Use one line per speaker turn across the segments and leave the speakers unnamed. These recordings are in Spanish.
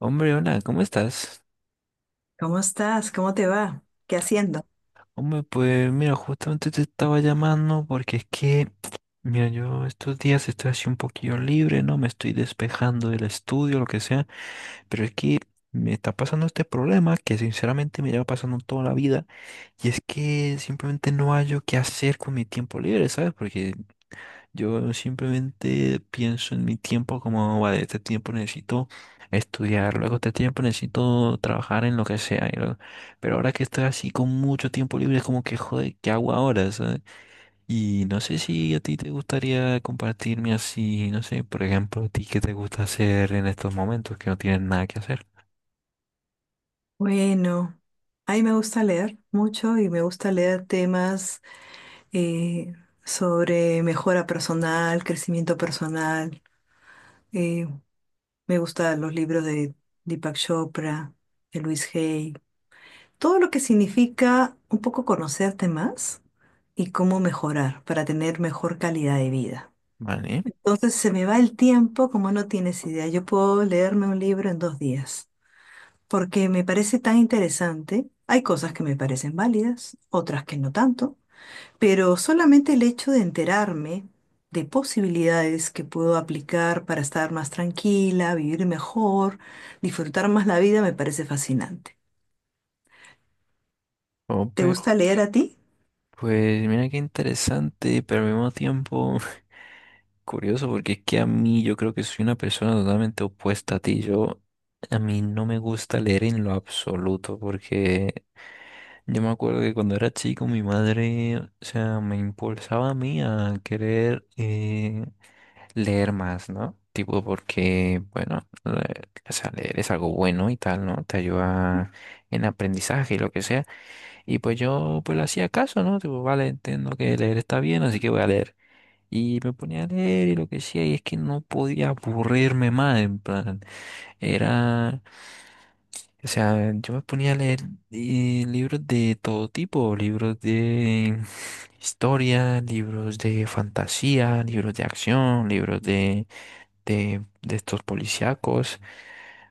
Hombre, hola, ¿cómo estás?
¿Cómo estás? ¿Cómo te va? ¿Qué haciendo?
Hombre, pues mira, justamente te estaba llamando porque es que, mira, yo estos días estoy así un poquillo libre, ¿no? Me estoy despejando del estudio, lo que sea, pero es que me está pasando este problema que sinceramente me lleva pasando toda la vida y es que simplemente no hallo qué hacer con mi tiempo libre, ¿sabes? Porque yo simplemente pienso en mi tiempo como, vale, este tiempo necesito estudiar, luego este tiempo necesito trabajar en lo que sea pero ahora que estoy así con mucho tiempo libre, es como que, joder, ¿qué hago ahora? ¿Sabes? Y no sé si a ti te gustaría compartirme así, no sé, por ejemplo, a ti qué te gusta hacer en estos momentos que no tienes nada que hacer.
Bueno, a mí me gusta leer mucho y me gusta leer temas eh, sobre mejora personal, crecimiento personal. Eh, me gustan los libros de Deepak Chopra, de Luis Hay, todo lo que significa un poco conocerte más y cómo mejorar para tener mejor calidad de vida.
Vale.
Entonces se me va el tiempo como no tienes idea. Yo puedo leerme un libro en 2 días, porque me parece tan interesante. Hay cosas que me parecen válidas, otras que no tanto, pero solamente el hecho de enterarme de posibilidades que puedo aplicar para estar más tranquila, vivir mejor, disfrutar más la vida, me parece fascinante. ¿Te
Ope,
gusta leer a ti?
pues mira qué interesante, pero al mismo tiempo... Curioso, porque es que a mí yo creo que soy una persona totalmente opuesta a ti. Yo, a mí no me gusta leer en lo absoluto, porque yo me acuerdo que cuando era chico mi madre, o sea, me impulsaba a mí a querer leer más, ¿no? Tipo porque, bueno, o sea, leer es algo bueno y tal, ¿no? Te ayuda en aprendizaje y lo que sea. Y pues yo pues le hacía caso, ¿no? Tipo, vale, entiendo que leer está bien, así que voy a leer. Y me ponía a leer y lo que decía, y es que no podía aburrirme más, en plan, era, o sea, yo me ponía a leer libros de todo tipo, libros de historia, libros de fantasía, libros de acción, libros de estos policíacos,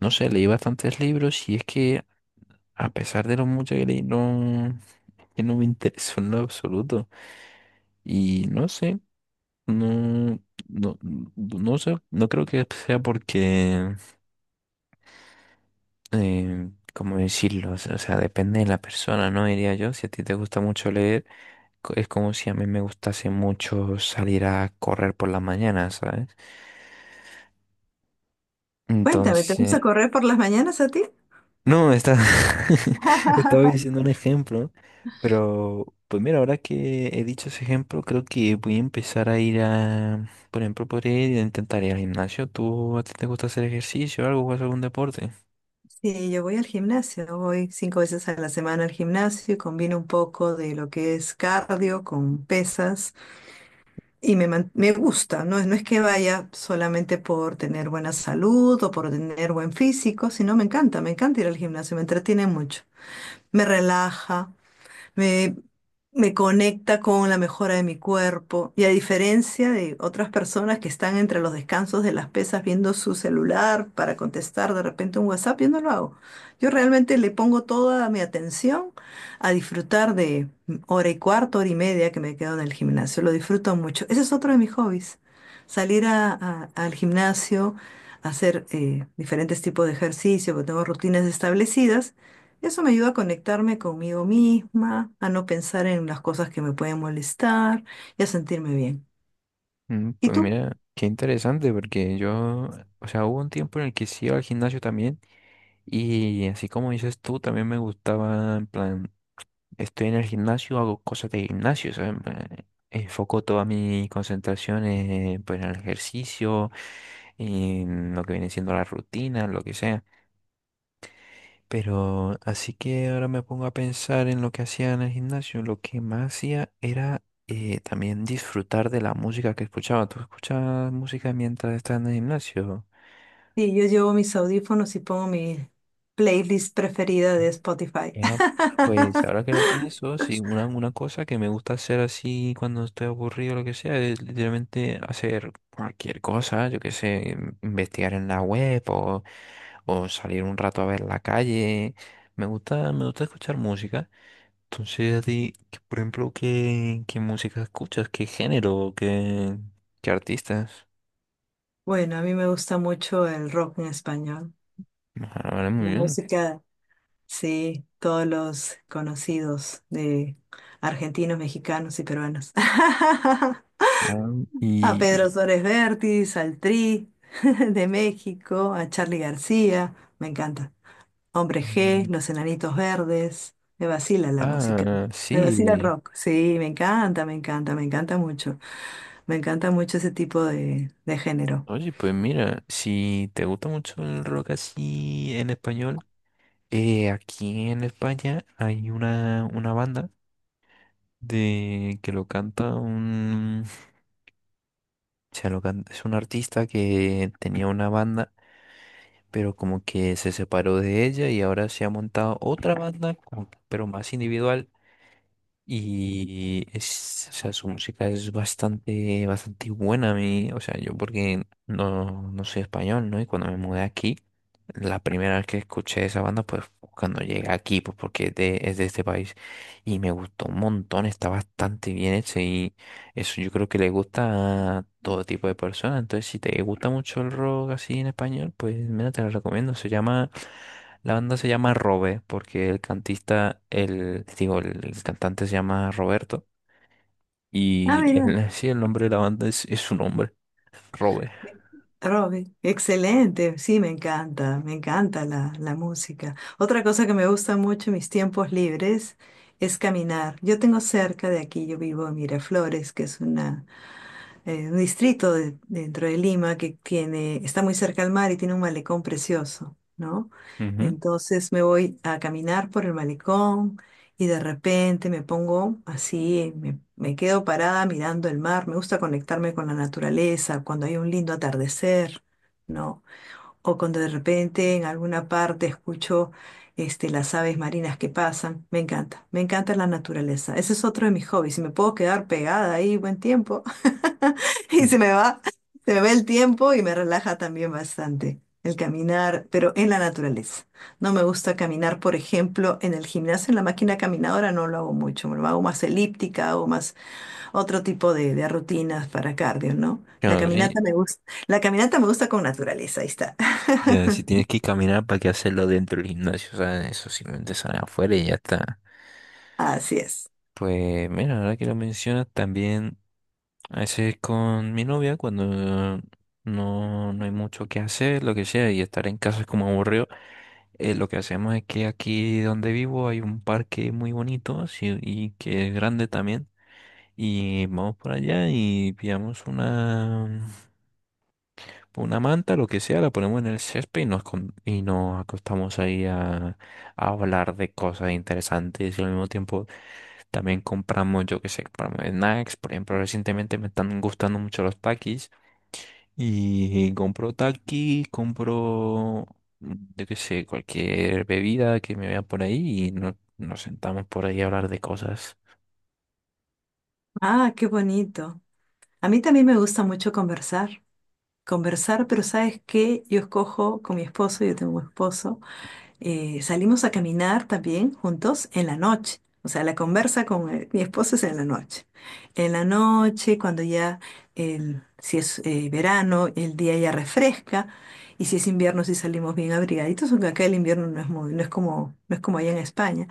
no sé, leí bastantes libros y es que a pesar de lo mucho que leí, no, que no me interesó en lo absoluto, y no sé. No, no, no sé, no creo que sea porque, ¿cómo decirlo? O sea, depende de la persona, ¿no? Diría yo, si a ti te gusta mucho leer, es como si a mí me gustase mucho salir a correr por la mañana, ¿sabes?
Cuéntame, ¿te
Entonces,
gusta correr por las mañanas a ti?
no, está, estaba diciendo un ejemplo, pero pues mira, ahora que he dicho ese ejemplo, creo que voy a empezar a ir a, por ejemplo, podría ir a intentar ir al gimnasio. ¿Tú a ti te gusta hacer ejercicio o algo? ¿Juegas algún deporte?
Sí, yo voy al gimnasio, voy 5 veces a la semana al gimnasio y combino un poco de lo que es cardio con pesas. Y me gusta, no es que vaya solamente por tener buena salud o por tener buen físico, sino me encanta ir al gimnasio, me entretiene mucho, me relaja, me, me conecta con la mejora de mi cuerpo. Y a diferencia de otras personas que están entre los descansos de las pesas viendo su celular para contestar de repente un WhatsApp, yo no lo hago. Yo realmente le pongo toda mi atención a disfrutar de hora y cuarto, hora y media que me quedo en el gimnasio. Lo disfruto mucho. Ese es otro de mis hobbies. Salir al gimnasio, hacer diferentes tipos de ejercicio, porque tengo rutinas establecidas, eso me ayuda a conectarme conmigo misma, a no pensar en las cosas que me pueden molestar y a sentirme bien.
Mm,
¿Y
pues
tú?
mira, qué interesante, porque yo, o sea, hubo un tiempo en el que sí iba al gimnasio también, y así como dices tú, también me gustaba, en plan, estoy en el gimnasio, hago cosas de gimnasio, o en plan, enfoco toda mi concentración en, pues, en el ejercicio, en lo que viene siendo la rutina, lo que sea. Pero así que ahora me pongo a pensar en lo que hacía en el gimnasio. Lo que más hacía era también disfrutar de la música que escuchaba. ¿Tú escuchabas música mientras estás en el gimnasio?
Sí, yo llevo mis audífonos y pongo mi playlist preferida de
Eh,
Spotify.
Era, pues ahora que lo pienso, sí, una cosa que me gusta hacer así cuando estoy aburrido o lo que sea, es literalmente hacer cualquier cosa, yo qué sé, investigar en la web o salir un rato a ver la calle. Me gusta escuchar música. Entonces, a ti, que, por ejemplo, ¿qué música escuchas? ¿Qué género? ¿Qué artistas?
Bueno, a mí me gusta mucho el rock en español,
Ah, vale, muy
la
bien.
música, sí, todos los conocidos de argentinos, mexicanos y peruanos.
Ah,
A
y,
Pedro
y-
Suárez Vértiz, al Tri de México, a Charly García, me encanta. Hombre G,
mm,
Los Enanitos Verdes, me vacila la música,
ah,
me vacila el
sí.
rock, sí, me encanta, me encanta, me encanta mucho ese tipo de género.
Oye, pues mira, si te gusta mucho el rock así en español, aquí en España hay una banda de que lo canta un, o sea, lo canta, es un artista que tenía una banda pero como que se separó de ella y ahora se ha montado otra banda, como que- pero más individual. Y es, o sea, su música es bastante buena a mí. O sea, yo porque no, no soy español, ¿no? Y cuando me mudé aquí, la primera vez que escuché esa banda, pues cuando llegué aquí, pues porque es de este país. Y me gustó un montón, está bastante bien hecho, eso yo creo que le gusta a todo tipo de personas. Entonces, si te gusta mucho el rock así en español, pues mira, te lo recomiendo. Se llama, la banda se llama Robe, porque el cantista, el, digo, el cantante se llama Roberto.
Ah,
Y
mira,
el, sí, el nombre de la banda es su nombre, Robe.
Robbie, excelente, sí, me encanta la música. Otra cosa que me gusta mucho en mis tiempos libres es caminar. Yo tengo cerca de aquí, yo vivo en Miraflores, que es una un dentro de Lima que tiene, está muy cerca al mar y tiene un malecón precioso, ¿no?
Ujú,
Entonces me voy a caminar por el malecón y de repente me pongo así, me quedo parada mirando el mar, me gusta conectarme con la naturaleza, cuando hay un lindo atardecer, ¿no? O cuando de repente en alguna parte escucho este, las aves marinas que pasan. Me encanta la naturaleza. Ese es otro de mis hobbies. Si me puedo quedar pegada ahí buen tiempo y
ujú.
se me va el tiempo y me relaja también bastante. El caminar, pero en la naturaleza. No me gusta caminar, por ejemplo, en el gimnasio, en la máquina caminadora no lo hago mucho, me lo hago más elíptica, hago más otro tipo de rutinas para cardio, ¿no? La
Claro, sí.
caminata me gusta, la caminata me gusta con naturaleza, ahí está.
Ya, si tienes que caminar, ¿para qué hacerlo dentro del gimnasio? O sea, eso simplemente sale afuera y ya está.
Así es.
Pues mira, ahora que lo mencionas, también. A veces con mi novia, cuando no, no hay mucho que hacer, lo que sea, y estar en casa es como aburrido, lo que hacemos es que aquí donde vivo hay un parque muy bonito sí, y que es grande también. Y vamos por allá y pillamos una manta, lo que sea, la ponemos en el césped y y nos acostamos ahí a hablar de cosas interesantes y al mismo tiempo también compramos, yo qué sé, compramos snacks. Por ejemplo, recientemente me están gustando mucho los Takis y compro takis compro, mm, yo qué sé, cualquier bebida que me vea por ahí y nos sentamos por ahí a hablar de cosas.
Ah, qué bonito. A mí también me gusta mucho conversar, conversar, pero ¿sabes qué? Yo escojo con mi esposo, yo tengo un esposo. Salimos a caminar también juntos en la noche. O sea, la conversa con mi esposo es en la noche. En la noche, cuando ya, si es verano, el día ya refresca. Y si es invierno, si salimos bien abrigaditos, aunque acá el invierno no es como, no es como allá en España.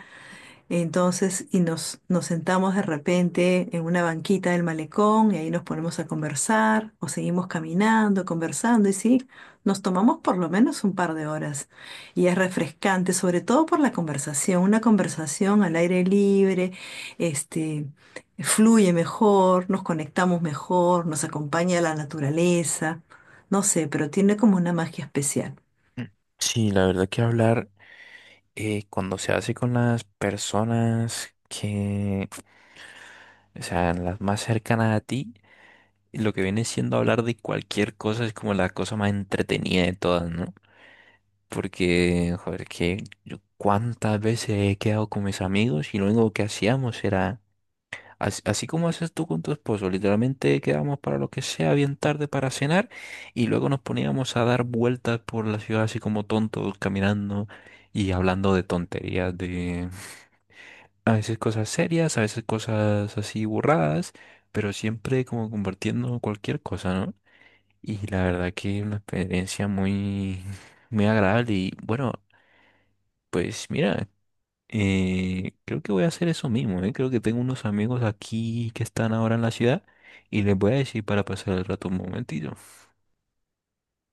Entonces, nos sentamos de repente en una banquita del malecón y ahí nos ponemos a conversar o seguimos caminando, conversando y sí, nos tomamos por lo menos un par de horas. Y es refrescante, sobre todo por la conversación, una conversación al aire libre, este, fluye mejor, nos conectamos mejor, nos acompaña la naturaleza, no sé, pero tiene como una magia especial.
Mm. Sí, la verdad que hablar cuando se hace con las personas que, o sea, las más cercanas a ti, lo que viene siendo hablar de cualquier cosa es como la cosa más entretenida de todas, ¿no? Porque, joder, que yo cuántas veces he quedado con mis amigos y lo único que hacíamos era así, así como haces tú con tu esposo, literalmente quedábamos para lo que sea bien tarde para cenar y luego nos poníamos a dar vueltas por la ciudad así como tontos, caminando y hablando de tonterías, de a veces cosas serias, a veces cosas así burradas, pero siempre como compartiendo cualquier cosa, ¿no? Y la verdad que es una experiencia muy agradable y bueno, pues mira. Creo que voy a hacer eso mismo, ¿eh? Creo que tengo unos amigos aquí que están ahora en la ciudad y les voy a decir para pasar el rato un momentito.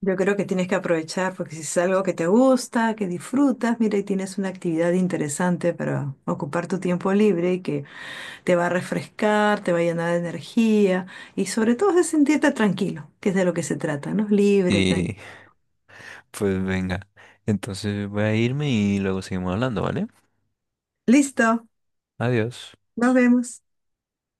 Yo creo que tienes que aprovechar porque si es algo que te gusta, que disfrutas, mira, y tienes una actividad interesante para ocupar tu tiempo libre y que te va a refrescar, te va a llenar de energía y sobre todo de sentirte tranquilo, que es de lo que se trata, ¿no? Libre,
Y
tranquilo.
pues venga, entonces voy a irme y luego seguimos hablando, ¿vale?
Listo,
Adiós.
nos vemos.